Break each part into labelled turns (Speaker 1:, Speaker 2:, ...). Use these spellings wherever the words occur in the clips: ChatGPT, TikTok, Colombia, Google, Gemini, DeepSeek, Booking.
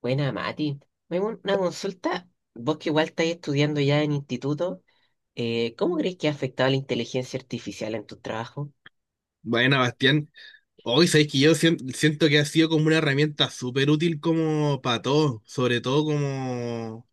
Speaker 1: Buena, Mati. Me hago una consulta. Vos que igual estáis estudiando ya en instituto, ¿cómo crees que ha afectado la inteligencia artificial en tu trabajo?
Speaker 2: Bueno, Bastián, hoy sabéis que yo siento que ha sido como una herramienta súper útil como para todo, sobre todo como,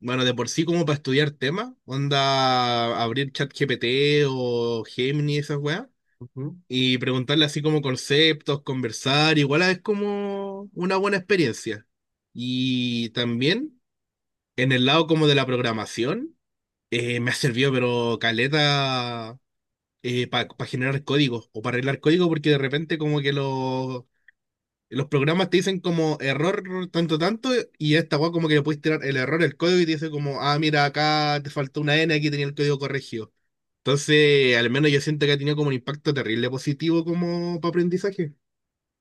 Speaker 2: bueno, de por sí como para estudiar temas, onda abrir ChatGPT o Gemini, esas weas,
Speaker 1: Ujú.
Speaker 2: y preguntarle así como conceptos, conversar, igual es como una buena experiencia. Y también en el lado como de la programación, me ha servido pero caleta para generar códigos o para arreglar código porque de repente como que los programas te dicen como error tanto tanto y esta weá como que le puedes tirar el error, el código y te dice como, ah, mira, acá te faltó una N, aquí tenía el código corregido. Entonces, al menos yo siento que ha tenido como un impacto terrible positivo como para aprendizaje.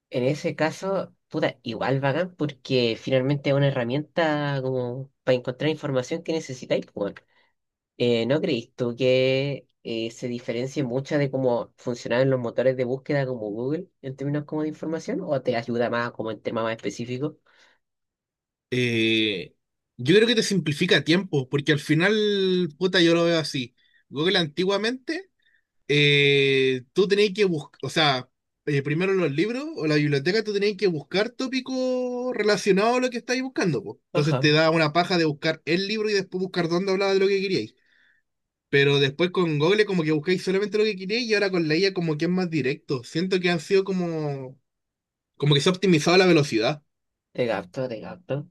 Speaker 1: En ese caso, puta, igual bacán, porque finalmente es una herramienta como para encontrar información que necesitáis, pues, weón. ¿No creís tú que se diferencie mucho de cómo funcionaban los motores de búsqueda como Google en términos como de información? ¿O te ayuda más como en temas más específicos?
Speaker 2: Eh, yo creo que te simplifica tiempo, porque al final, puta, yo lo veo así. Google antiguamente, tú tenés que buscar, o sea, primero los libros o la biblioteca, tú tenés que buscar tópicos relacionados a lo que estáis buscando, po. Entonces
Speaker 1: Ajá,
Speaker 2: te da una paja de buscar el libro y después buscar dónde hablaba de lo que queríais. Pero después con Google como que buscáis solamente lo que queríais y ahora con la IA como que es más directo. Siento que han sido como que se ha optimizado la velocidad.
Speaker 1: te gasto, te gasto.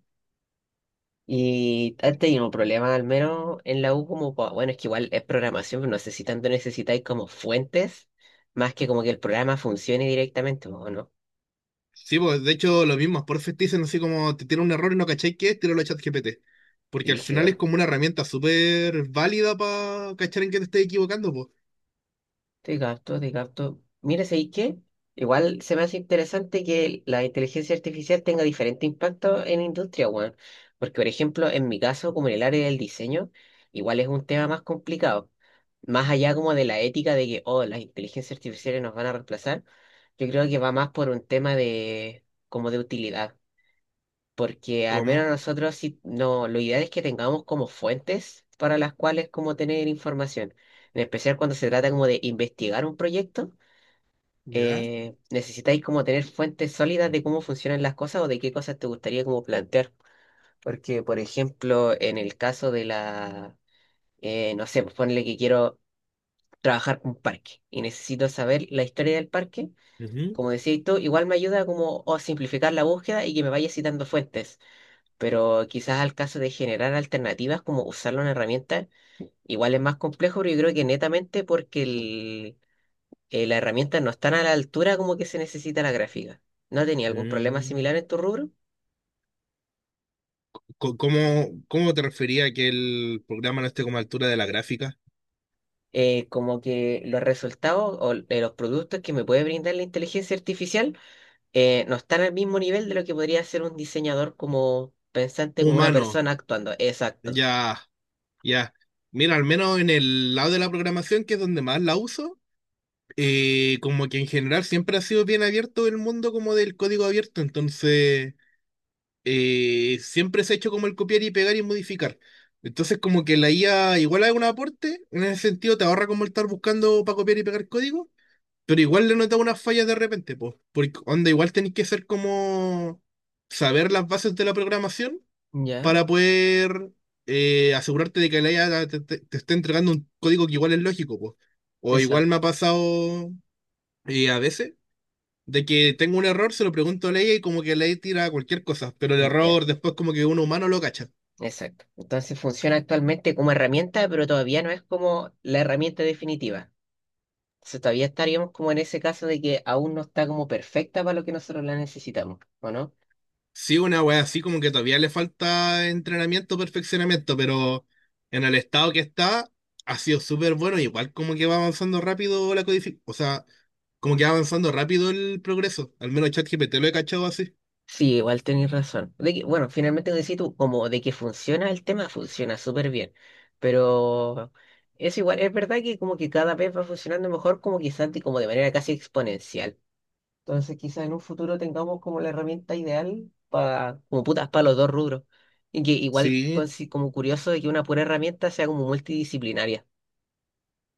Speaker 1: ¿Y has tenido problemas al menos en la U como, bueno, es que igual es programación, pero no sé si tanto necesitáis como fuentes, más que como que el programa funcione directamente, ¿o no?
Speaker 2: Sí, pues de hecho lo mismo, por te dicen así como te tiene un error y no cacháis qué es, tíralo a ChatGPT. Porque al final
Speaker 1: Rígido.
Speaker 2: es como una herramienta súper válida para cachar en qué te estés equivocando, pues.
Speaker 1: Te capto, te capto. Mira, ¿sabes qué? Igual se me hace interesante que la inteligencia artificial tenga diferente impacto en industria, weón. Porque, por ejemplo, en mi caso, como en el área del diseño, igual es un tema más complicado. Más allá como de la ética de que, oh, las inteligencias artificiales nos van a reemplazar, yo creo que va más por un tema de, como de utilidad, porque al menos
Speaker 2: ¿Cómo?
Speaker 1: nosotros sí, no, lo ideal es que tengamos como fuentes para las cuales como tener información. En especial cuando se trata como de investigar un proyecto,
Speaker 2: ¿Ya?
Speaker 1: necesitáis como tener fuentes sólidas de cómo funcionan las cosas o de qué cosas te gustaría como plantear. Porque, por ejemplo, en el caso de la, no sé, pues ponle que quiero trabajar un parque y necesito saber la historia del parque.
Speaker 2: Ujú.
Speaker 1: Como decías tú, igual me ayuda como a simplificar la búsqueda y que me vaya citando fuentes, pero quizás al caso de generar alternativas como usar una herramienta, igual es más complejo, pero yo creo que netamente porque el, las herramientas no están a la altura como que se necesita la gráfica. ¿No tenía algún problema
Speaker 2: Mm.
Speaker 1: similar en tu rubro?
Speaker 2: Co- ¿Cómo, cómo te refería a que el programa no esté como a altura de la gráfica?
Speaker 1: Como que los resultados o de los productos que me puede brindar la inteligencia artificial no están al mismo nivel de lo que podría hacer un diseñador como pensante, como una
Speaker 2: Humano,
Speaker 1: persona actuando. Exacto.
Speaker 2: ya, ya. Mira, al menos en el lado de la programación, que es donde más la uso, como que en general siempre ha sido bien abierto el mundo como del código abierto, entonces, siempre se ha hecho como el copiar y pegar y modificar. Entonces como que la IA igual es un aporte, en ese sentido te ahorra como el estar buscando para copiar y pegar código. Pero igual le notaba unas fallas de repente, pues. Porque onda, igual tenéis que ser como saber las bases de la programación
Speaker 1: Ya,
Speaker 2: para poder, asegurarte de que la IA te esté entregando un código que igual es lógico, pues. O igual me ha
Speaker 1: exacto.
Speaker 2: pasado, a veces, de que tengo un error, se lo pregunto a la IA y como que la IA tira cualquier cosa, pero el
Speaker 1: Ya.
Speaker 2: error después como que un humano lo cacha.
Speaker 1: Exacto. Entonces funciona actualmente como herramienta, pero todavía no es como la herramienta definitiva. Entonces todavía estaríamos como en ese caso de que aún no está como perfecta para lo que nosotros la necesitamos, ¿o no?
Speaker 2: Sí, una wea así como que todavía le falta entrenamiento, perfeccionamiento, pero en el estado que está ha sido súper bueno, igual como que va avanzando rápido la codificación, o sea, como que va avanzando rápido el progreso, al menos ChatGPT lo he cachado así.
Speaker 1: Sí, igual tenés razón. De que, bueno, finalmente como decís tú, como de que funciona el tema, funciona súper bien. Pero es igual, es verdad que como que cada vez va funcionando mejor, como quizás como de manera casi exponencial. Entonces, quizás en un futuro tengamos como la herramienta ideal para, como putas, para los dos rubros. Y que igual,
Speaker 2: Sí,
Speaker 1: como curioso, de que una pura herramienta sea como multidisciplinaria.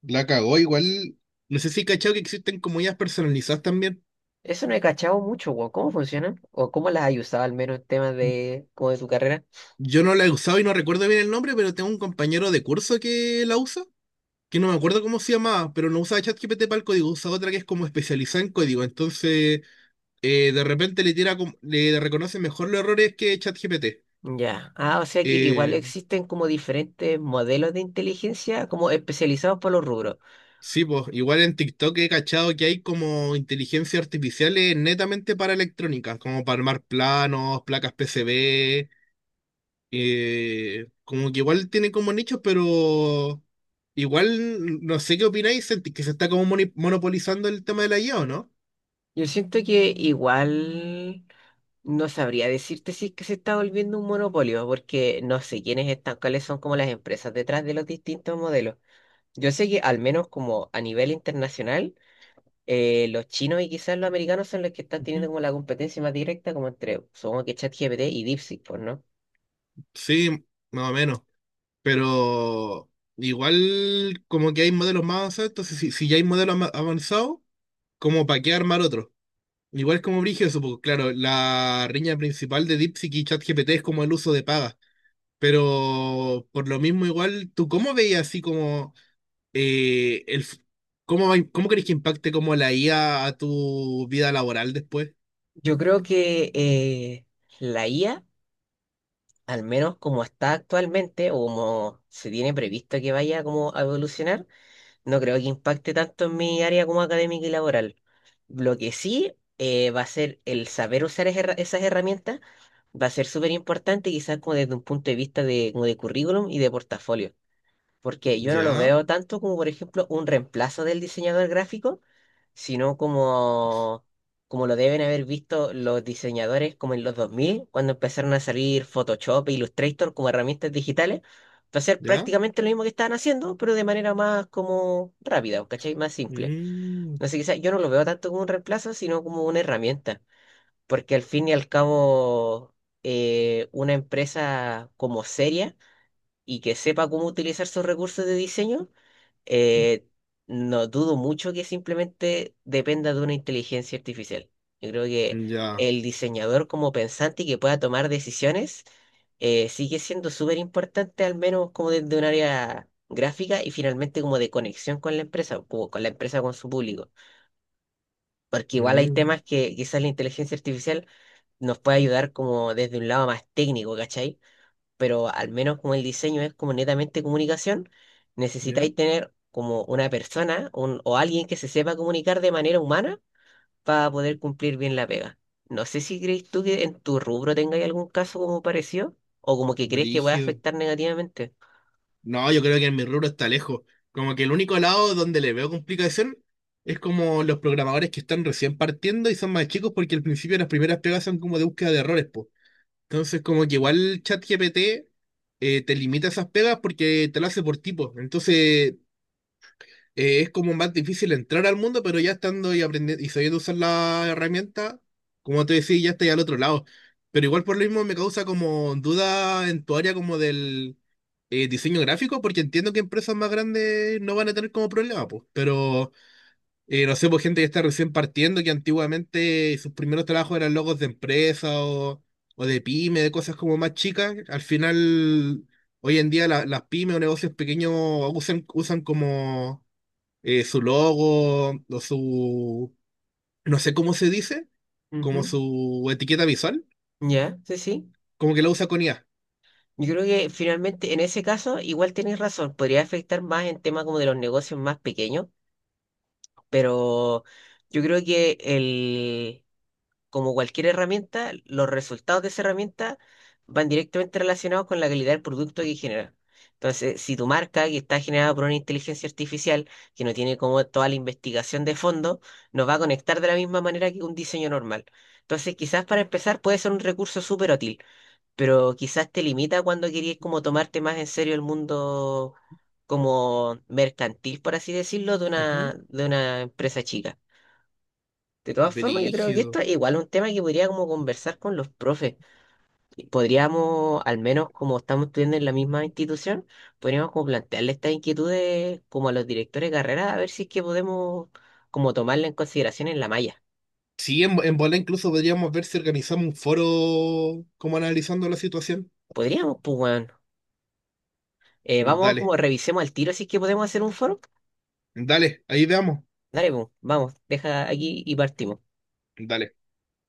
Speaker 2: la cagó igual. No sé si he cachado que existen comunidades personalizadas también.
Speaker 1: Eso no he cachado mucho, weón. ¿Cómo funcionan? ¿O cómo las has usado al menos en temas de, como de tu carrera?
Speaker 2: Yo no la he usado y no recuerdo bien el nombre, pero tengo un compañero de curso que la usa, que no me acuerdo cómo se llamaba, pero no usa ChatGPT para el código, usa otra que es como especializada en código, entonces, de repente le tira le reconoce mejor los errores que ChatGPT.
Speaker 1: Ya. Ah, o sea que igual
Speaker 2: Eh,
Speaker 1: existen como diferentes modelos de inteligencia como especializados para los rubros.
Speaker 2: sí, pues igual en TikTok he cachado que hay como inteligencia artificiales netamente para electrónica, como para armar planos, placas PCB, como que igual tiene como nichos, pero igual no sé qué opináis, sentís que se está como monopolizando el tema de la IA, ¿o no?
Speaker 1: Yo siento que igual no sabría decirte si es que se está volviendo un monopolio, porque no sé quiénes están, cuáles son como las empresas detrás de los distintos modelos. Yo sé que al menos como a nivel internacional, los chinos y quizás los americanos son los que están teniendo
Speaker 2: Ujú.
Speaker 1: como la competencia más directa, como entre, supongo que ChatGPT y DeepSeek, pues, ¿no?
Speaker 2: Sí, más o menos. Pero igual como que hay modelos más avanzados, entonces si ya hay modelos avanzados, como para qué armar otro. Igual es como brígido eso, porque claro, la riña principal de DeepSeek y ChatGPT es como el uso de pagas. Pero por lo mismo igual, ¿tú cómo veías así como, eh, el f- cómo crees que impacte como la IA a tu vida laboral después?
Speaker 1: Yo creo que la IA, al menos como está actualmente, o como se tiene previsto que vaya como a evolucionar, no creo que impacte tanto en mi área como académica y laboral. Lo que sí, va a ser el saber usar esas herramientas, va a ser súper importante, quizás como desde un punto de vista de, como de currículum y de portafolio, porque yo no lo
Speaker 2: ¿Ya?
Speaker 1: veo tanto como, por ejemplo, un reemplazo del diseñador gráfico, sino como, como lo deben haber visto los diseñadores como en los 2000 cuando empezaron a salir Photoshop e Illustrator como herramientas digitales, para hacer
Speaker 2: ¿Ya?
Speaker 1: prácticamente lo mismo que estaban haciendo, pero de manera más como rápida, ¿cachai? Más simple.
Speaker 2: Mm,
Speaker 1: Entonces quizás yo no lo veo tanto como un reemplazo, sino como una herramienta, porque al fin y al cabo, una empresa como seria y que sepa cómo utilizar sus recursos de diseño, eh, no dudo mucho que simplemente dependa de una inteligencia artificial. Yo creo que
Speaker 2: ya.
Speaker 1: el diseñador como pensante y que pueda tomar decisiones sigue siendo súper importante, al menos como desde un área gráfica y finalmente como de conexión con la empresa, o con la empresa con su público. Porque igual hay
Speaker 2: Mm,
Speaker 1: temas que quizás la inteligencia artificial nos puede ayudar como desde un lado más técnico, ¿cachai? Pero al menos como el diseño es como netamente comunicación,
Speaker 2: ¿ya?
Speaker 1: necesitáis tener como una persona o alguien que se sepa comunicar de manera humana para poder cumplir bien la pega. No sé si crees tú que en tu rubro tengáis algún caso como parecido o como que crees que puede
Speaker 2: Brígido.
Speaker 1: afectar negativamente.
Speaker 2: No, yo creo que en mi rubro está lejos. Como que el único lado donde le veo complicación es como los programadores que están recién partiendo y son más chicos porque al principio las primeras pegas son como de búsqueda de errores, po. Entonces como que igual ChatGPT, te limita esas pegas porque te lo hace por tipo. Entonces, es como más difícil entrar al mundo, pero ya estando y aprendiendo y sabiendo usar la herramienta, como te decía, ya estoy al otro lado. Pero igual por lo mismo me causa como duda en tu área como del, diseño gráfico, porque entiendo que empresas más grandes no van a tener como problema, pues. Pero, no sé, pues gente que está recién partiendo, que antiguamente sus primeros trabajos eran logos de empresa o de pyme, de cosas como más chicas. Al final, hoy en día las pymes o negocios pequeños usan como, su logo o su, no sé cómo se dice, como
Speaker 1: Ujú.
Speaker 2: su etiqueta visual,
Speaker 1: Ya, sí, sí.
Speaker 2: como que la usa con IA.
Speaker 1: Yo creo que finalmente en ese caso igual tienes razón, podría afectar más en temas como de los negocios más pequeños, pero yo creo que como cualquier herramienta, los resultados de esa herramienta van directamente relacionados con la calidad del producto que genera. Entonces, si tu marca, que está generada por una inteligencia artificial, que no tiene como toda la investigación de fondo, nos va a conectar de la misma manera que un diseño normal. Entonces, quizás para empezar puede ser un recurso súper útil, pero quizás te limita cuando querías como tomarte más en serio el mundo como mercantil, por así decirlo,
Speaker 2: Ujú.
Speaker 1: de una empresa chica. De todas formas, yo creo que esto
Speaker 2: Brígido.
Speaker 1: es igual un tema que podría como conversar con los profes. Y podríamos, al menos como estamos estudiando en la misma institución, podríamos como plantearle estas inquietudes como a los directores de carrera, a ver si es que podemos como tomarla en consideración en la malla.
Speaker 2: Sí, en bola incluso podríamos ver si organizamos un foro como analizando la situación.
Speaker 1: Podríamos, pues bueno.
Speaker 2: Y
Speaker 1: Vamos como
Speaker 2: dale,
Speaker 1: revisemos al tiro si es que podemos hacer un foro.
Speaker 2: dale, ahí veamos.
Speaker 1: Dale, pues, vamos, deja aquí y partimos.
Speaker 2: Dale.